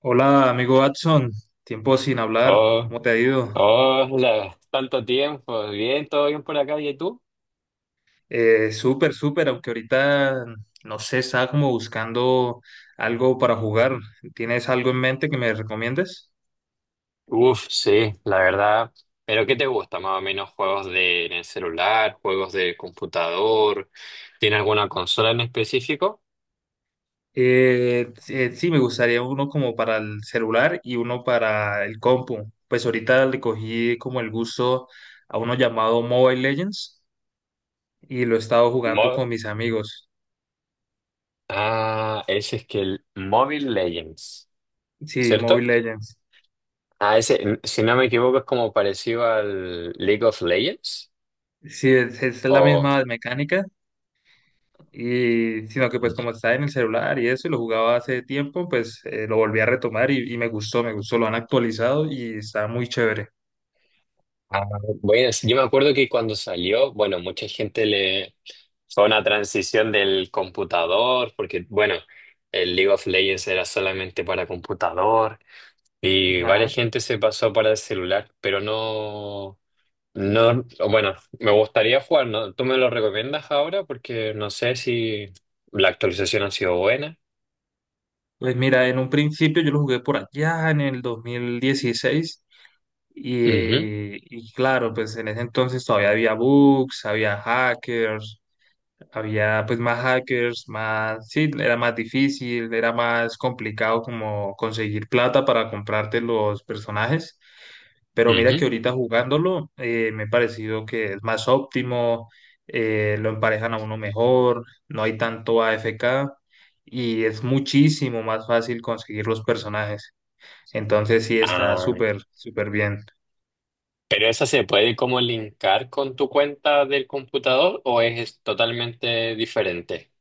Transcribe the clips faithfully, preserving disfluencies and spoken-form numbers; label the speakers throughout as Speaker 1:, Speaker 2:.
Speaker 1: Hola, amigo Watson. Tiempo sin hablar.
Speaker 2: Oh,
Speaker 1: ¿Cómo te ha ido?
Speaker 2: oh, la- tanto tiempo. Bien, todo bien por acá. ¿Y tú?
Speaker 1: Eh, súper, súper, aunque ahorita, no sé, estaba como buscando algo para jugar. ¿Tienes algo en mente que me recomiendes?
Speaker 2: Uf, sí, la verdad. ¿Pero qué te gusta más o menos? ¿Juegos de en el celular? ¿Juegos de computador? ¿Tiene alguna consola en específico?
Speaker 1: Eh, eh, sí, me gustaría uno como para el celular y uno para el compu. Pues ahorita le cogí como el gusto a uno llamado Mobile Legends y lo he estado jugando
Speaker 2: Mo-
Speaker 1: con mis amigos.
Speaker 2: ah, ese es que el Mobile Legends,
Speaker 1: Sí, Mobile
Speaker 2: ¿cierto?
Speaker 1: Legends.
Speaker 2: Ah, ese, si no me equivoco, es como parecido al League of Legends.
Speaker 1: Sí, es, es la
Speaker 2: O.
Speaker 1: misma mecánica, y, sino que pues como estaba en el celular y eso, y lo jugaba hace tiempo, pues eh, lo volví a retomar y, y me gustó, me gustó, lo han actualizado y está muy chévere.
Speaker 2: Ah, bueno, sí, yo me acuerdo que cuando salió, bueno, mucha gente le fue una transición del computador, porque bueno, el League of Legends era solamente para computador y
Speaker 1: Ajá.
Speaker 2: varias gente se pasó para el celular, pero no, no, bueno, me gustaría jugar, ¿no? ¿Tú me lo recomiendas ahora? Porque no sé si la actualización ha sido buena.
Speaker 1: Pues mira, en un principio yo lo jugué por allá en el dos mil dieciséis y,
Speaker 2: Ujú,
Speaker 1: eh, y claro, pues en ese entonces todavía había bugs, había hackers, había pues más hackers, más, sí, era más difícil, era más complicado como conseguir plata para comprarte los personajes. Pero mira que
Speaker 2: ujú.
Speaker 1: ahorita jugándolo, eh, me ha parecido que es más óptimo, eh, lo emparejan a uno mejor, no hay tanto A F K y es muchísimo más fácil conseguir los personajes. Entonces sí, está
Speaker 2: Ah,
Speaker 1: súper, súper bien.
Speaker 2: ¿pero esa se puede como linkar con tu cuenta del computador o es totalmente diferente?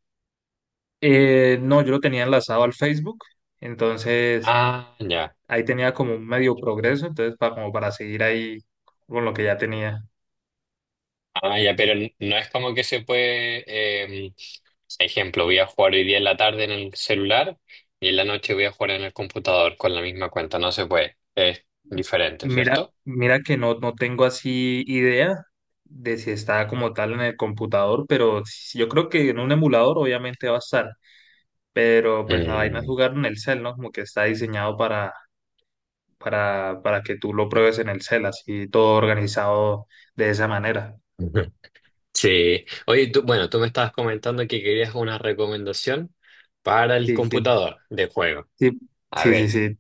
Speaker 1: Eh, no, yo lo tenía enlazado al Facebook, entonces
Speaker 2: Ah, ya.
Speaker 1: ahí tenía como un medio progreso, entonces para, como para seguir ahí con lo que ya tenía.
Speaker 2: Ah, ya, pero n- no es como que se puede, eh, ejemplo, voy a jugar hoy día en la tarde en el celular y en la noche voy a jugar en el computador con la misma cuenta. No se puede. Es diferente,
Speaker 1: Mira,
Speaker 2: ¿cierto?
Speaker 1: mira que no, no tengo así idea de si está como tal en el computador, pero sí- yo creo que en un emulador obviamente va a estar, pero pues la vaina es
Speaker 2: Mm.
Speaker 1: jugar en el cel, ¿no? Como que está diseñado para, para, para que tú lo pruebes en el cel, así todo organizado de esa manera.
Speaker 2: Ujú. Sí. Oye, tú, bueno, tú me estabas comentando que querías una recomendación para el
Speaker 1: Sí, sí,
Speaker 2: computador de juego.
Speaker 1: sí,
Speaker 2: A
Speaker 1: sí, sí,
Speaker 2: ver.
Speaker 1: sí.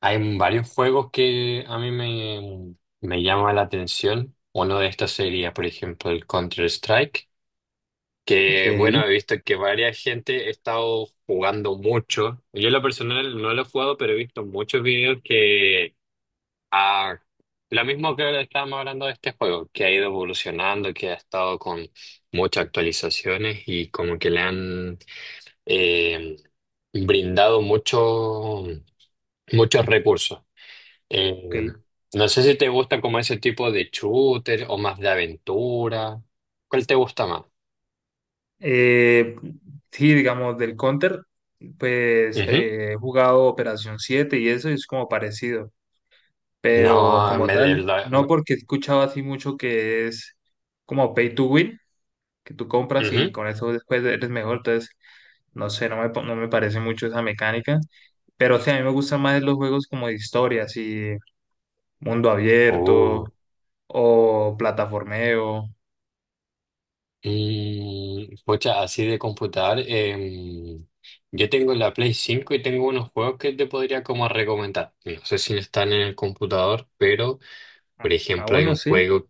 Speaker 2: Hay varios juegos que a mí me, me llama la atención. Uno de estos sería, por ejemplo, el Counter-Strike,
Speaker 1: Ok,
Speaker 2: que bueno, he visto que varias gente ha estado jugando mucho. Yo en lo personal no lo he jugado, pero he visto muchos videos que... Ah, lo mismo que estábamos hablando de este juego, que ha ido evolucionando, que ha estado con muchas actualizaciones y como que le han eh, brindado mucho, muchos recursos. Eh,
Speaker 1: ok.
Speaker 2: no sé si te gusta como ese tipo de shooter o más de aventura. ¿Cuál te gusta más?
Speaker 1: Eh, sí, digamos, del Counter, pues
Speaker 2: Ujú.
Speaker 1: eh, he jugado Operación Siete y eso y es como parecido. Pero
Speaker 2: No,
Speaker 1: como
Speaker 2: me de
Speaker 1: tal,
Speaker 2: la-
Speaker 1: no,
Speaker 2: me-
Speaker 1: porque he escuchado así mucho que es como pay to win, que tú compras y
Speaker 2: ujú.
Speaker 1: con eso después eres mejor, entonces no sé, no me, pa- no me parece mucho esa mecánica, pero sí, a mí me gustan más los juegos como de historias y mundo abierto
Speaker 2: Uh.
Speaker 1: o plataformeo.
Speaker 2: Mm, pucha, así de computador. Em, yo tengo la Play cinco y tengo unos juegos que te podría como recomendar. No sé si están en el computador, pero por
Speaker 1: Ah,
Speaker 2: ejemplo hay
Speaker 1: bueno,
Speaker 2: un
Speaker 1: sí.
Speaker 2: juego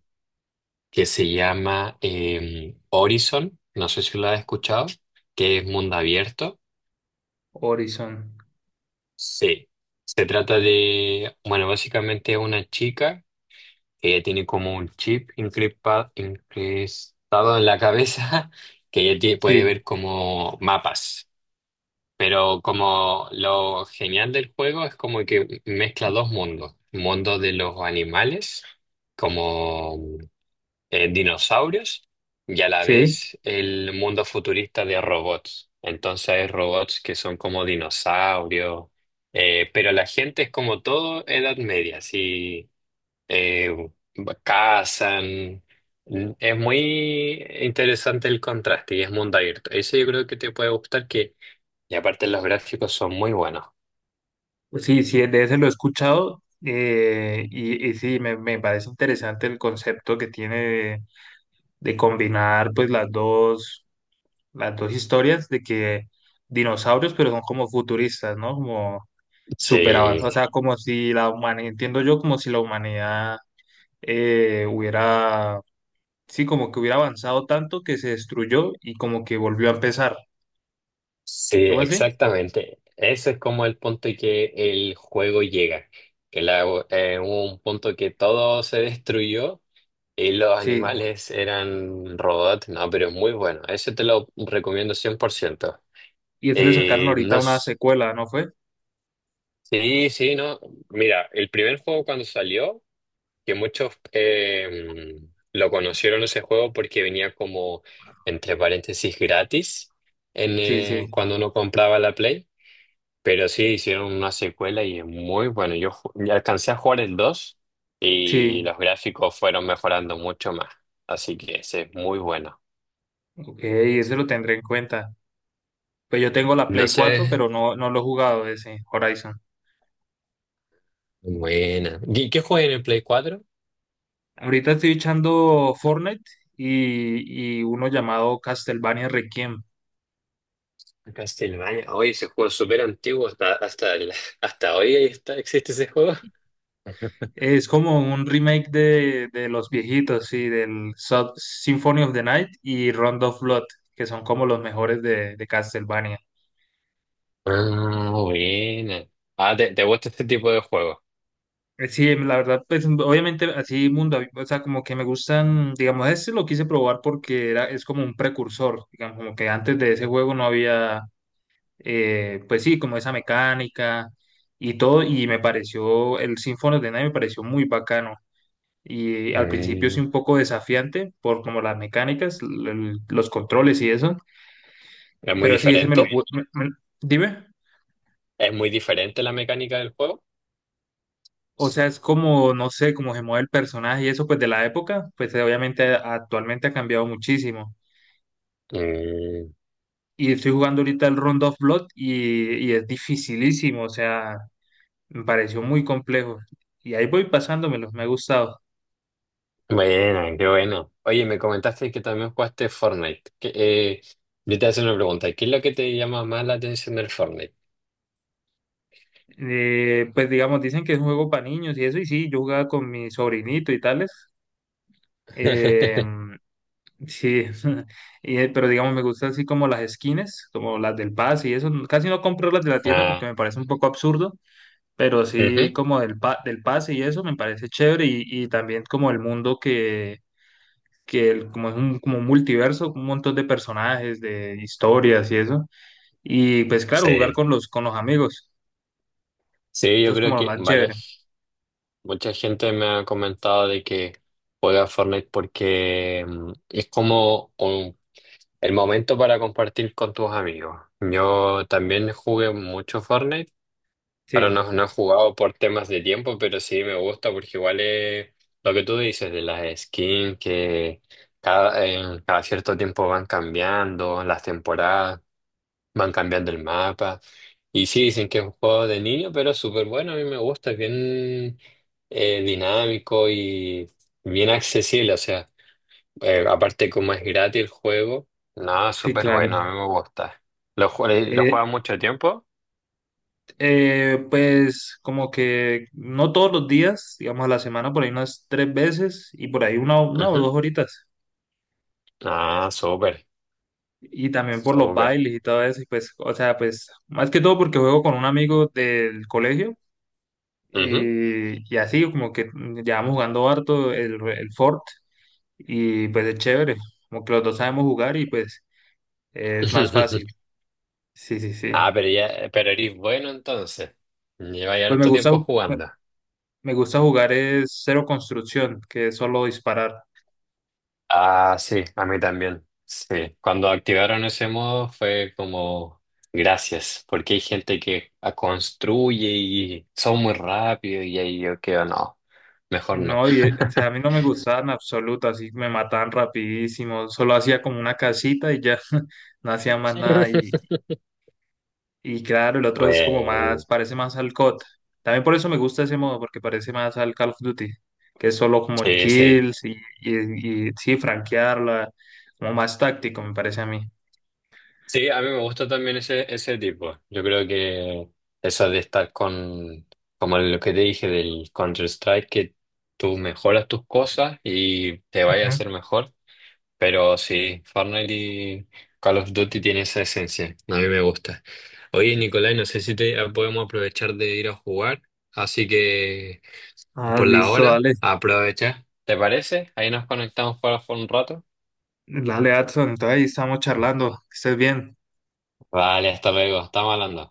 Speaker 2: que se llama em, Horizon. No sé si lo has escuchado, que es mundo abierto.
Speaker 1: Horizon,
Speaker 2: Sí, se trata de, bueno, básicamente una chica que ella tiene como un chip increpa- incrustado en la cabeza que ella tie- puede
Speaker 1: sí,
Speaker 2: ver como mapas. Pero como lo genial del juego es como que mezcla dos mundos, mundo de los animales, como eh, dinosaurios y a la
Speaker 1: sí,
Speaker 2: vez el mundo futurista de robots. Entonces hay robots que son como dinosaurios, eh, pero la gente es como todo Edad Media, así eh, cazan. Es muy interesante el contraste y es mundo abierto. Eso yo creo que te puede gustar que, y aparte los gráficos son muy buenos.
Speaker 1: pues sí, sí, de ese lo he escuchado. eh, y, y sí, me, me parece interesante el concepto que tiene de combinar pues las dos, las dos historias de que dinosaurios, pero son como futuristas, ¿no? Como súper avanzados, o
Speaker 2: Sí.
Speaker 1: sea, como si la humanidad, entiendo yo, como si la humanidad eh, hubiera, sí, como que hubiera avanzado tanto que se destruyó y como que volvió a empezar,
Speaker 2: Sí,
Speaker 1: algo así,
Speaker 2: exactamente. Ese es como el punto en que el juego llega. Que la, eh, hubo un punto que todo se destruyó y los
Speaker 1: sí,
Speaker 2: animales eran robots. No, pero es muy bueno. Ese te lo recomiendo cien por ciento.
Speaker 1: y eso le sacaron
Speaker 2: Eh, no,
Speaker 1: ahorita una
Speaker 2: s-
Speaker 1: secuela, ¿no fue?
Speaker 2: sí, sí, no. Mira, el primer juego cuando salió, que muchos eh, lo conocieron ese juego porque venía como, entre paréntesis, gratis en,
Speaker 1: Sí, sí,
Speaker 2: eh, cuando uno compraba la Play. Pero sí, hicieron una secuela y es muy bueno. Yo ju- ya alcancé a jugar el dos
Speaker 1: sí,
Speaker 2: y los gráficos fueron mejorando mucho más. Así que ese es muy bueno.
Speaker 1: ok, ese lo tendré en cuenta. Pues yo tengo la
Speaker 2: No
Speaker 1: Play
Speaker 2: sé.
Speaker 1: cuatro, pero no, no lo he jugado ese Horizon.
Speaker 2: Buena. ¿Y qué juega en el Play cuatro?
Speaker 1: Ahorita estoy echando Fortnite y, y uno llamado Castlevania Requiem.
Speaker 2: Castlevania. Oye, ese juego es súper antiguo. Hasta, hasta, el- hasta hoy ahí está, existe ese juego.
Speaker 1: Es como un remake de, de los viejitos, sí, del Sub- Symphony of the Night y Round of Blood, que son como los mejores de, de Castlevania.
Speaker 2: Ah, buena. Ah, ¿te, te gusta este tipo de juego?
Speaker 1: Eh, Sí, em, la verdad, pues obviamente así mundo, abi- o sea, como que me gustan, digamos, este lo quise probar porque era, es como un precursor, digamos, como que antes de ese juego no había eh, pues sí, como esa mecánica y todo, y me pareció, el Symphony of the Night me pareció muy bacano. Y al principio
Speaker 2: Mm.
Speaker 1: sí un poco desafiante por como las mecánicas, l- l- los controles y eso,
Speaker 2: ¿Es muy
Speaker 1: pero sí, ese me lo
Speaker 2: diferente?
Speaker 1: pude, dime,
Speaker 2: ¿Es muy diferente la mecánica del juego?
Speaker 1: o sea, es como, no sé, como se mueve el personaje y eso, pues de la época, pues eh, obviamente eh, actualmente ha cambiado muchísimo.
Speaker 2: Mm.
Speaker 1: Y estoy jugando ahorita el Round of Blood y, y es dificilísimo, o sea, me pareció muy complejo. Y ahí voy pasándomelo, me ha gustado.
Speaker 2: Bueno, qué bueno. Oye, me comentaste que también jugaste Fortnite. Que, eh, yo te hago una pregunta. ¿Qué es lo que te llama más la atención del Fortnite?
Speaker 1: Eh, pues digamos, dicen que es un juego para niños y eso, y sí, yo jugaba con mi sobrinito y tales. eh, sí, y, eh, pero digamos, me gusta así como las skins, como las del Paz y eso. Casi no compro las de la tienda porque
Speaker 2: Ah,
Speaker 1: me parece un poco absurdo, pero sí
Speaker 2: ujú.
Speaker 1: como del, pa del Paz y eso me parece chévere y, y también como el mundo que, que el- como es un como un multiverso, un montón de personajes, de historias y eso. Y pues claro, jugar
Speaker 2: Sí.
Speaker 1: con los, con los amigos,
Speaker 2: Sí,
Speaker 1: eso
Speaker 2: yo
Speaker 1: es
Speaker 2: creo
Speaker 1: como lo
Speaker 2: que
Speaker 1: más chévere.
Speaker 2: varias, mucha gente me ha comentado de que juega Fortnite porque mm, es como un- el momento para compartir con tus amigos. Yo también jugué mucho Fortnite. Claro,
Speaker 1: Sí,
Speaker 2: no, no he jugado por temas de tiempo, pero sí me gusta porque igual es lo que tú dices de las skins que cada, eh, cada cierto tiempo van cambiando, las temporadas, van cambiando el mapa. Y sí, dicen que es un juego de niño, pero es súper bueno, a mí me gusta, es bien eh, dinámico y bien accesible. O sea, eh, aparte como es gratis el juego, no,
Speaker 1: sí,
Speaker 2: súper
Speaker 1: claro.
Speaker 2: bueno, a mí me gusta. ¿Lo, jue- lo
Speaker 1: Eh,
Speaker 2: juegas mucho tiempo?
Speaker 1: eh, pues como que no todos los días, digamos a la semana, por ahí unas tres veces y por ahí una, una o
Speaker 2: Ujú.
Speaker 1: dos horitas.
Speaker 2: Ah, súper.
Speaker 1: Y también por los
Speaker 2: Súper.
Speaker 1: bailes y todo eso. Y pues, o sea, pues más que todo porque juego con un amigo del colegio
Speaker 2: Ujú.
Speaker 1: y, y así como que llevamos jugando harto el, el Fort y pues es chévere. Como que los dos sabemos jugar y pues eh, es más fácil. Sí, sí, sí.
Speaker 2: Ah, pero ya, pero eres bueno entonces. Lleva ya
Speaker 1: Pues me
Speaker 2: harto
Speaker 1: gusta,
Speaker 2: tiempo
Speaker 1: me
Speaker 2: jugando.
Speaker 1: me gusta jugar es cero construcción, que es solo disparar.
Speaker 2: Ah, sí, a mí también. Sí, cuando activaron ese modo fue como gracias, porque hay gente que a- construye y son muy rápido y ahí yo quedo, no, mejor no.
Speaker 1: No, y, eh, o sea, a mí no me gustaban en absoluto, así me mataban rapidísimo, solo hacía como una casita y ya no hacía más nada y, y claro, el otro es como más,
Speaker 2: Bueno,
Speaker 1: parece más al C O D. También por eso me gusta ese modo, porque parece más al Call of Duty, que es solo como el
Speaker 2: sí, sí.
Speaker 1: kills y, y, y sí, franquearla, como más táctico me parece a mí.
Speaker 2: Sí, a mí me gusta también ese, ese tipo. Yo creo que eso de estar con, como lo que te dije del Counter-Strike, que tú mejoras tus cosas y te vaya a
Speaker 1: Ujú.
Speaker 2: hacer mejor. Pero sí, Fortnite y Call of Duty tiene esa esencia. A mí me gusta. Oye, Nicolai, no sé si te ah, podemos aprovechar de ir a jugar. Así que
Speaker 1: Ah,
Speaker 2: por la
Speaker 1: listo,
Speaker 2: hora,
Speaker 1: dale,
Speaker 2: aprovecha. ¿Te parece? Ahí nos conectamos para jugar un rato.
Speaker 1: dale, Adson, entonces ahí estamos charlando, que estés bien.
Speaker 2: Vale, hasta luego. Estamos hablando.